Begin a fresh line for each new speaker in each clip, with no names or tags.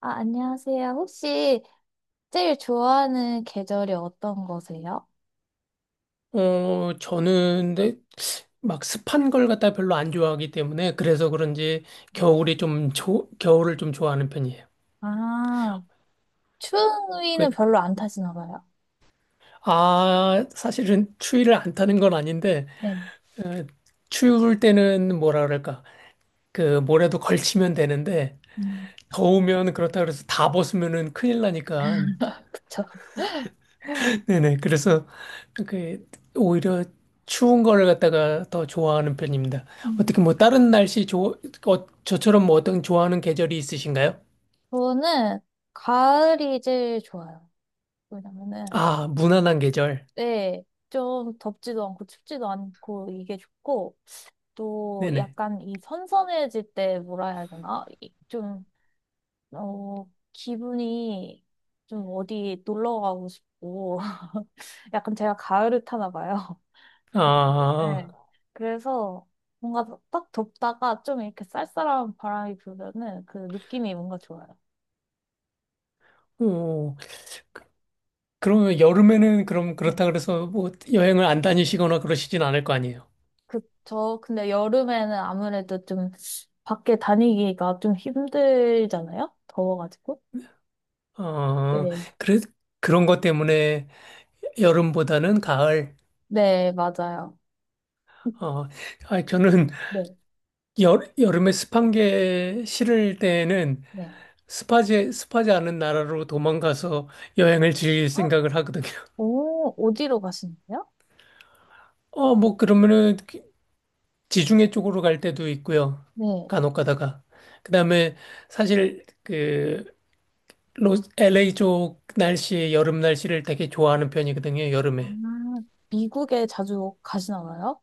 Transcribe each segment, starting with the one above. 아, 안녕하세요. 혹시 제일 좋아하는 계절이 어떤 거세요?
저는 근데 막 습한 걸 갖다 별로 안 좋아하기 때문에 그래서 그런지 겨울이 겨울을 좀 좋아하는 편이에요.
아, 추위는
그,
별로 안 타시나 봐요.
아, 사실은 추위를 안 타는 건 아닌데
네.
어, 추울 때는 뭐라 그럴까? 그 뭐라도 걸치면 되는데
음,
더우면 그렇다 그래서 다 벗으면은 큰일 나니까.
그쵸?
네네. 그래서 그 오히려 추운 거를 갖다가 더 좋아하는 편입니다.
음.
어떻게 뭐 다른 날씨 좋 어, 저처럼 뭐 어떤 좋아하는 계절이 있으신가요?
저는 가을이 제일 좋아요. 왜냐면은,
아, 무난한 계절.
네, 좀 덥지도 않고 춥지도 않고 이게 좋고, 또
네네.
약간 이 선선해질 때 뭐라 해야 되나? 이- 좀 어, 기분이 좀 어디 놀러 가고 싶고, 약간 제가 가을을 타나 봐요.
아,
네. 그래서 뭔가 딱 덥다가 좀 이렇게 쌀쌀한 바람이 불면은 그 느낌이 뭔가 좋아요.
오. 그러면 여름에는 그럼
네.
그렇다 그래서 뭐 여행을 안 다니시거나 그러시진 않을 거 아니에요.
그, 저, 근데 여름에는 아무래도 좀 밖에 다니기가 좀 힘들잖아요? 더워가지고.
어,
네.
그래, 그런 것 때문에 여름보다는 가을.
네, 맞아요.
어, 아, 저는
네,
여름에 습한 게 싫을 때는
네.
습하지 않은 나라로 도망가서 여행을 즐길
아,
생각을 하거든요.
오, 어디로 가시는데요?
어, 뭐, 그러면은 지중해 쪽으로 갈 때도 있고요.
네.
간혹 가다가. 그다음에 사실 LA 쪽 날씨, 여름 날씨를 되게 좋아하는 편이거든요,
아,
여름에.
미국에 자주 가진 않아요?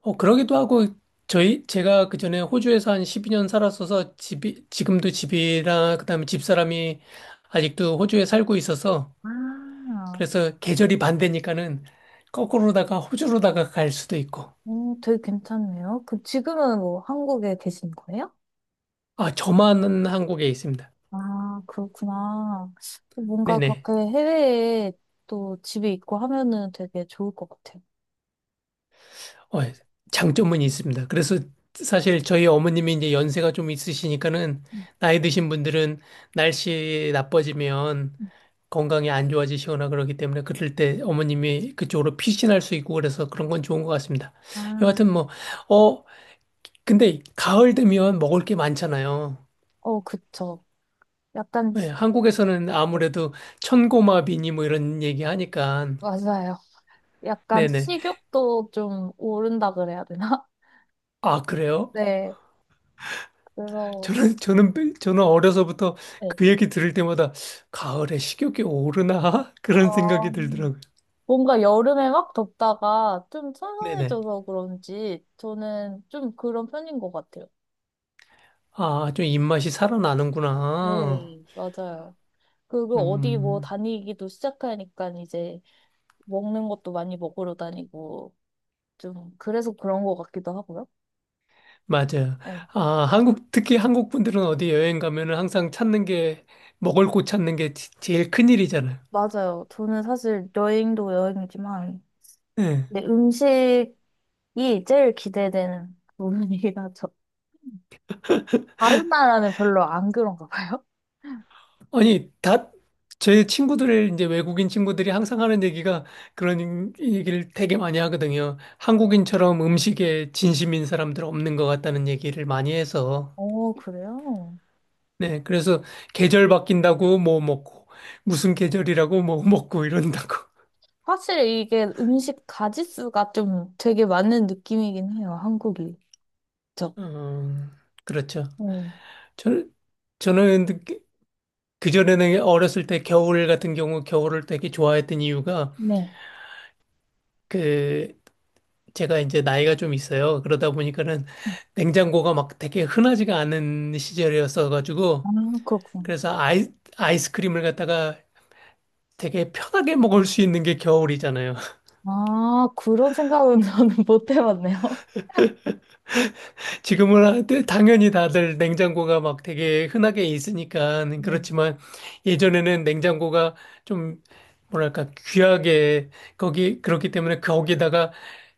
어, 그러기도 하고 저희 제가 그전에 호주에서 한 12년 살았어서 집이랑 그다음에 집사람이 아직도 호주에 살고 있어서,
아,
그래서 계절이 반대니까는 거꾸로다가 호주로다가 갈 수도 있고.
되게 괜찮네요. 그, 지금은 뭐 한국에 계신 거예요?
아, 저만 한국에 있습니다.
아, 그렇구나. 뭔가
네네.
그렇게 해외에 또 집이 있고 하면은 되게 좋을 것 같아요.
어, 장점은 있습니다. 그래서 사실 저희 어머님이 이제 연세가 좀 있으시니까는
음,
나이 드신 분들은 날씨 나빠지면
음.
건강이 안 좋아지시거나 그러기 때문에 그럴 때 어머님이 그쪽으로 피신할 수 있고 그래서 그런 건 좋은 것 같습니다.
아,
여하튼 뭐, 어, 근데 가을 되면 먹을 게 많잖아요.
어, 그쵸. 약간,
네,
지-
한국에서는
네,
아무래도 천고마비니 뭐 이런 얘기 하니까.
맞아요. 약간
네네.
식욕도 좀 오른다 그래야 되나?
아, 그래요?
네, 그래서,
저는, 저는, 저는 어려서부터
네.
그 얘기 들을 때마다 가을에 식욕이 오르나? 그런
어,
생각이 들더라고요.
뭔가 여름에 막 덥다가 좀
네네.
선선해져서 그런지 저는 좀 그런 편인 것 같아요.
아, 좀 입맛이 살아나는구나.
네. 맞아요. 그리고 어디 뭐
음,
다니기도 시작하니까 이제 먹는 것도 많이 먹으러 다니고 좀 그래서 그런 것 같기도 하고요.
맞아요.
네,
아, 한국, 특히 한국 분들은 어디 여행 가면은 항상 찾는 게, 먹을 곳 찾는 게 제일 큰일이잖아요.
맞아요. 저는 사실 여행도 여행이지만
네.
내 음식이 제일 기대되는 부분이긴 하죠. 다른 나라는 별로 안 그런가 봐요.
아니, 다, 제 친구들, 이제 외국인 친구들이 항상 하는 얘기가, 그런 얘기를 되게 많이 하거든요. 한국인처럼 음식에 진심인 사람들 없는 것 같다는 얘기를 많이 해서.
어, 그래요?
네, 그래서 계절 바뀐다고 뭐 먹고, 무슨 계절이라고 뭐 먹고 이런다고.
확실히 이게 음식 가짓수가 좀 되게 많은 느낌이긴 해요, 한국이. 그쵸?
음, 그렇죠.
네.
저, 저는 그전에는 어렸을 때 겨울 같은 경우 겨울을 되게 좋아했던 이유가
네.
그 제가 이제 나이가 좀 있어요. 그러다 보니까는 냉장고가 막 되게 흔하지가 않은
아,
시절이었어가지고,
그렇구나.
그래서 아이스크림을 갖다가 되게 편하게 먹을 수 있는 게 겨울이잖아요.
아, 그런 생각은 저는 못 해봤네요.
지금은 네, 당연히 다들 냉장고가 막 되게 흔하게 있으니까
네.
그렇지만 예전에는 냉장고가 좀 뭐랄까 귀하게, 거기 그렇기 때문에 거기다가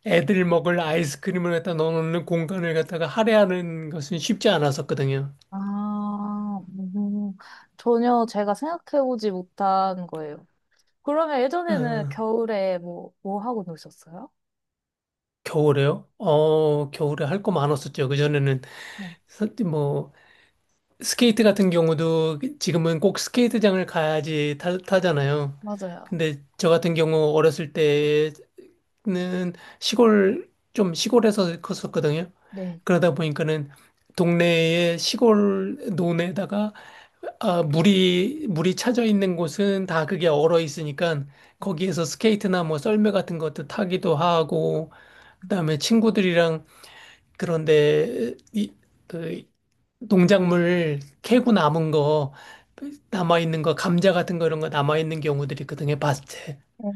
애들 먹을 아이스크림을 갖다 넣어놓는 공간을 갖다가 할애하는 것은 쉽지 않았었거든요.
아, 전혀 제가 생각해보지 못한 거예요. 그러면 예전에는
어.
겨울에 뭐, 뭐 하고 노셨어요?
겨울에요? 어, 겨울에 할 거 많았었죠. 그전에는
네.
뭐 스케이트 같은 경우도 지금은 꼭 스케이트장을 가야지 타잖아요.
맞아요.
근데 저 같은 경우 어렸을 때는 시골 좀 시골에서 컸었거든요.
네.
그러다 보니까는 동네에 시골 논에다가, 아, 물이 차져 있는 곳은 다 그게 얼어 있으니까 거기에서 스케이트나 뭐 썰매 같은 것도 타기도 하고, 그다음에 친구들이랑 그런데 이, 그 농작물 캐고 남은 거, 남아 있는 거 감자 같은 거 이런 거 남아 있는 경우들이 있거든요. 밭에.
네.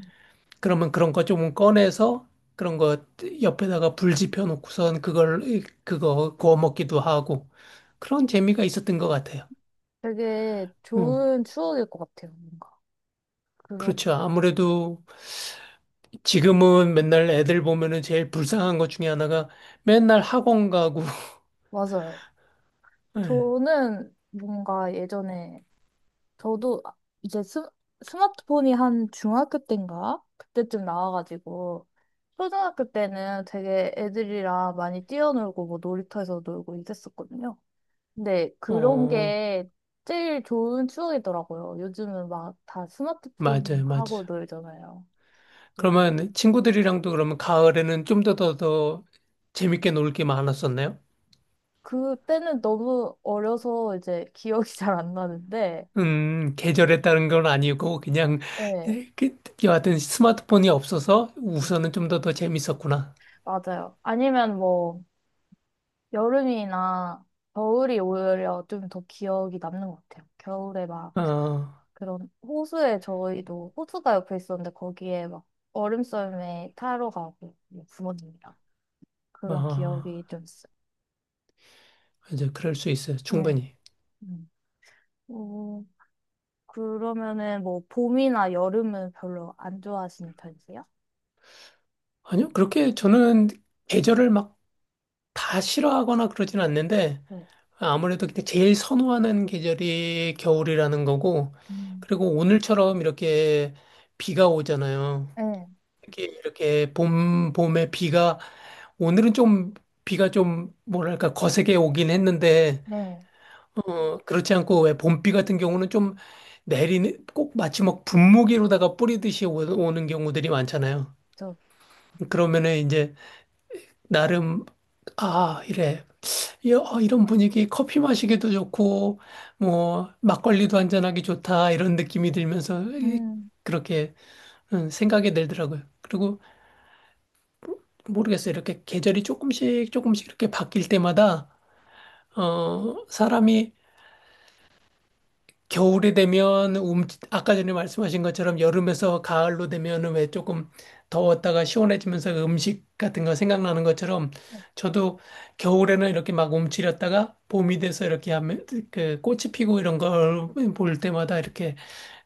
그러면 그런 거 조금 꺼내서 그런 거 옆에다가 불 지펴 놓고선 그걸 그거 구워 먹기도 하고 그런 재미가 있었던 것 같아요.
되게
음,
좋은 추억일 것 같아요, 뭔가. 그런,
그렇죠. 아무래도 지금은 맨날 애들 보면은 제일 불쌍한 것 중에 하나가 맨날 학원 가고.
맞아요.
예.
저는 뭔가 예전에 저도 아- 이제 스, 스마트폰이 한 중학교 때인가? 그때쯤 나와가지고 초등학교 때는 되게 애들이랑 많이 뛰어놀고 뭐 놀이터에서 놀고 이랬었거든요. 근데 그런
어,
게 제일 좋은 추억이더라고요. 요즘은 막 다
맞아요,
스마트폰
맞아요.
하고 놀잖아요. 음.
그러면 친구들이랑도 그러면 가을에는 좀 더 재밌게 놀게 많았었나요?
그때는 너무 어려서 이제 기억이 잘 안 나는데,
계절에 따른 건 아니고 그냥
네,
여하튼 스마트폰이 없어서 우선은 좀 더 재밌었구나.
맞아요. 아니면 뭐 여름이나 겨울이 오히려 좀 더 기억이 남는 것 같아요. 겨울에 막
어,
그런 호수에 저희도 호수가 옆에 있었는데 거기에 막 얼음썰매 타러 가고 뭐 부모님이랑 그런
어,
기억이 좀 있어요.
이제 그럴 수 있어요.
네.
충분히.
음. 어, 그러면은 뭐 봄이나 여름은 별로 안 좋아하시는 편이세요?
아니요, 그렇게 저는 계절을 막 다 싫어하거나 그러진 않는데
네.
아무래도 그 제일 선호하는 계절이 겨울이라는 거고,
음.
그리고 오늘처럼 이렇게 비가 오잖아요.
네.
이게 이렇게 봄에 비가, 오늘은 좀 비가 좀 뭐랄까 거세게 오긴 했는데,
네.
어, 그렇지 않고 왜 봄비 같은 경우는 좀 내리는, 꼭 마치 막 분무기로다가 뿌리듯이 오는 경우들이 많잖아요.
저,
그러면은 이제 나름, 아, 이래. 이런 분위기 커피 마시기도 좋고, 뭐, 막걸리도 한잔하기 좋다, 이런 느낌이 들면서
음,
그렇게 생각이 들더라고요. 그리고 모르겠어요. 이렇게 계절이 조금씩 조금씩 이렇게 바뀔 때마다, 어, 사람이 겨울이 되면 움, 아까 전에 말씀하신 것처럼 여름에서 가을로 되면은 왜 조금 더웠다가 시원해지면서 음식 같은 거 생각나는 것처럼
네.
저도 겨울에는 이렇게 막 움츠렸다가 봄이 돼서 이렇게 하면 그 꽃이 피고 이런 걸 볼 때마다 이렇게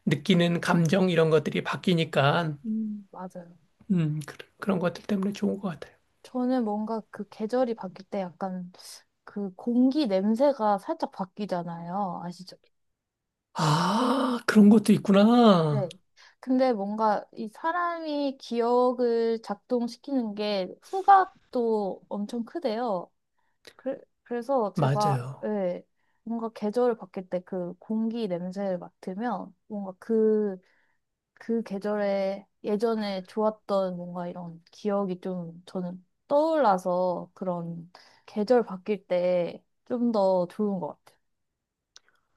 느끼는 감정 이런 것들이 바뀌니까,
맞아요.
그런 것들 때문에 좋은 것 같아요.
저는 뭔가 그 계절이 바뀔 때 약간 그 공기 냄새가 살짝 바뀌잖아요. 아시죠?
아,
네.
그런 것도 있구나.
네. 근데 뭔가 이 사람이 기억을 작동시키는 게 후각도 엄청 크대요. 그래, 그래서 제가
맞아요.
네, 뭔가 계절을 바뀔 때 그 공기 냄새를 맡으면 뭔가 그, 그 계절에 예전에 좋았던 뭔가 이런 기억이 좀 저는 떠올라서 그런 계절 바뀔 때 좀 더 좋은 것 같아요.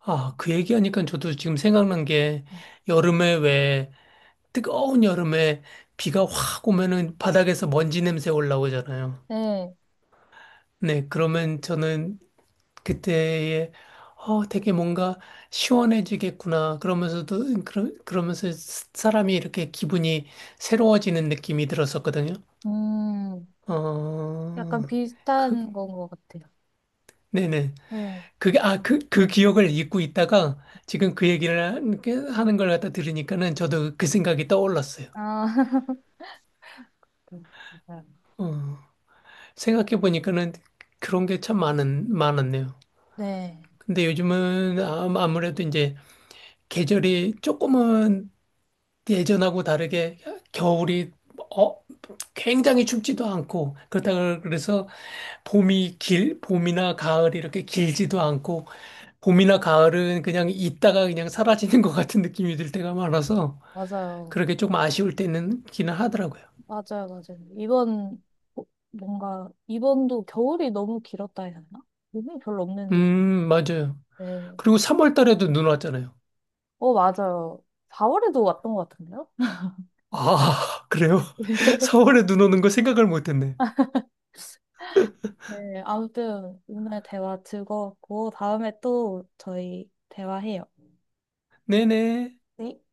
아, 그 얘기하니까 저도 지금 생각난 게 여름에 왜 뜨거운 여름에 비가 확 오면은 바닥에서 먼지 냄새 올라오잖아요.
네.
네, 그러면 저는 그때에 어, 되게 뭔가 시원해지겠구나. 그러면서도 그러면서 사람이 이렇게 기분이 새로워지는 느낌이 들었었거든요.
음,
어,
약간
그
비슷한 건 것 같아요.
네네.
네.
아, 그 기억을 잊고 있다가 지금 그 얘기를 이렇게 하는 걸 갖다 들으니까는 저도 그 생각이 떠올랐어요.
아, 맞아요.
어, 생각해보니까는 그런 게 참 많았네요.
네.
근데 요즘은 아무래도 이제 계절이 조금은 예전하고 다르게 겨울이 어, 굉장히 춥지도 않고 그렇다고 그래서 봄이나 가을이 이렇게 길지도 않고 봄이나 가을은 그냥 있다가 그냥 사라지는 것 같은 느낌이 들 때가 많아서
맞아요.
그렇게 조금 아쉬울 때는 있기는 하더라고요.
맞아요, 맞아요. 이번, 어, 뭔가, 이번도 겨울이 너무 길었다 해야 하나? 눈이 별로 없는 느낌.
맞아요.
네.
그리고 3월 달에도 눈 왔잖아요.
어, 맞아요. 4월에도 왔던 것 같은데요?
아, 그래요? 4월에 눈 오는 거 생각을 못 했네.
네, 아무튼, 오늘 대화 즐거웠고, 다음에 또 저희 대화해요.
네네.
네.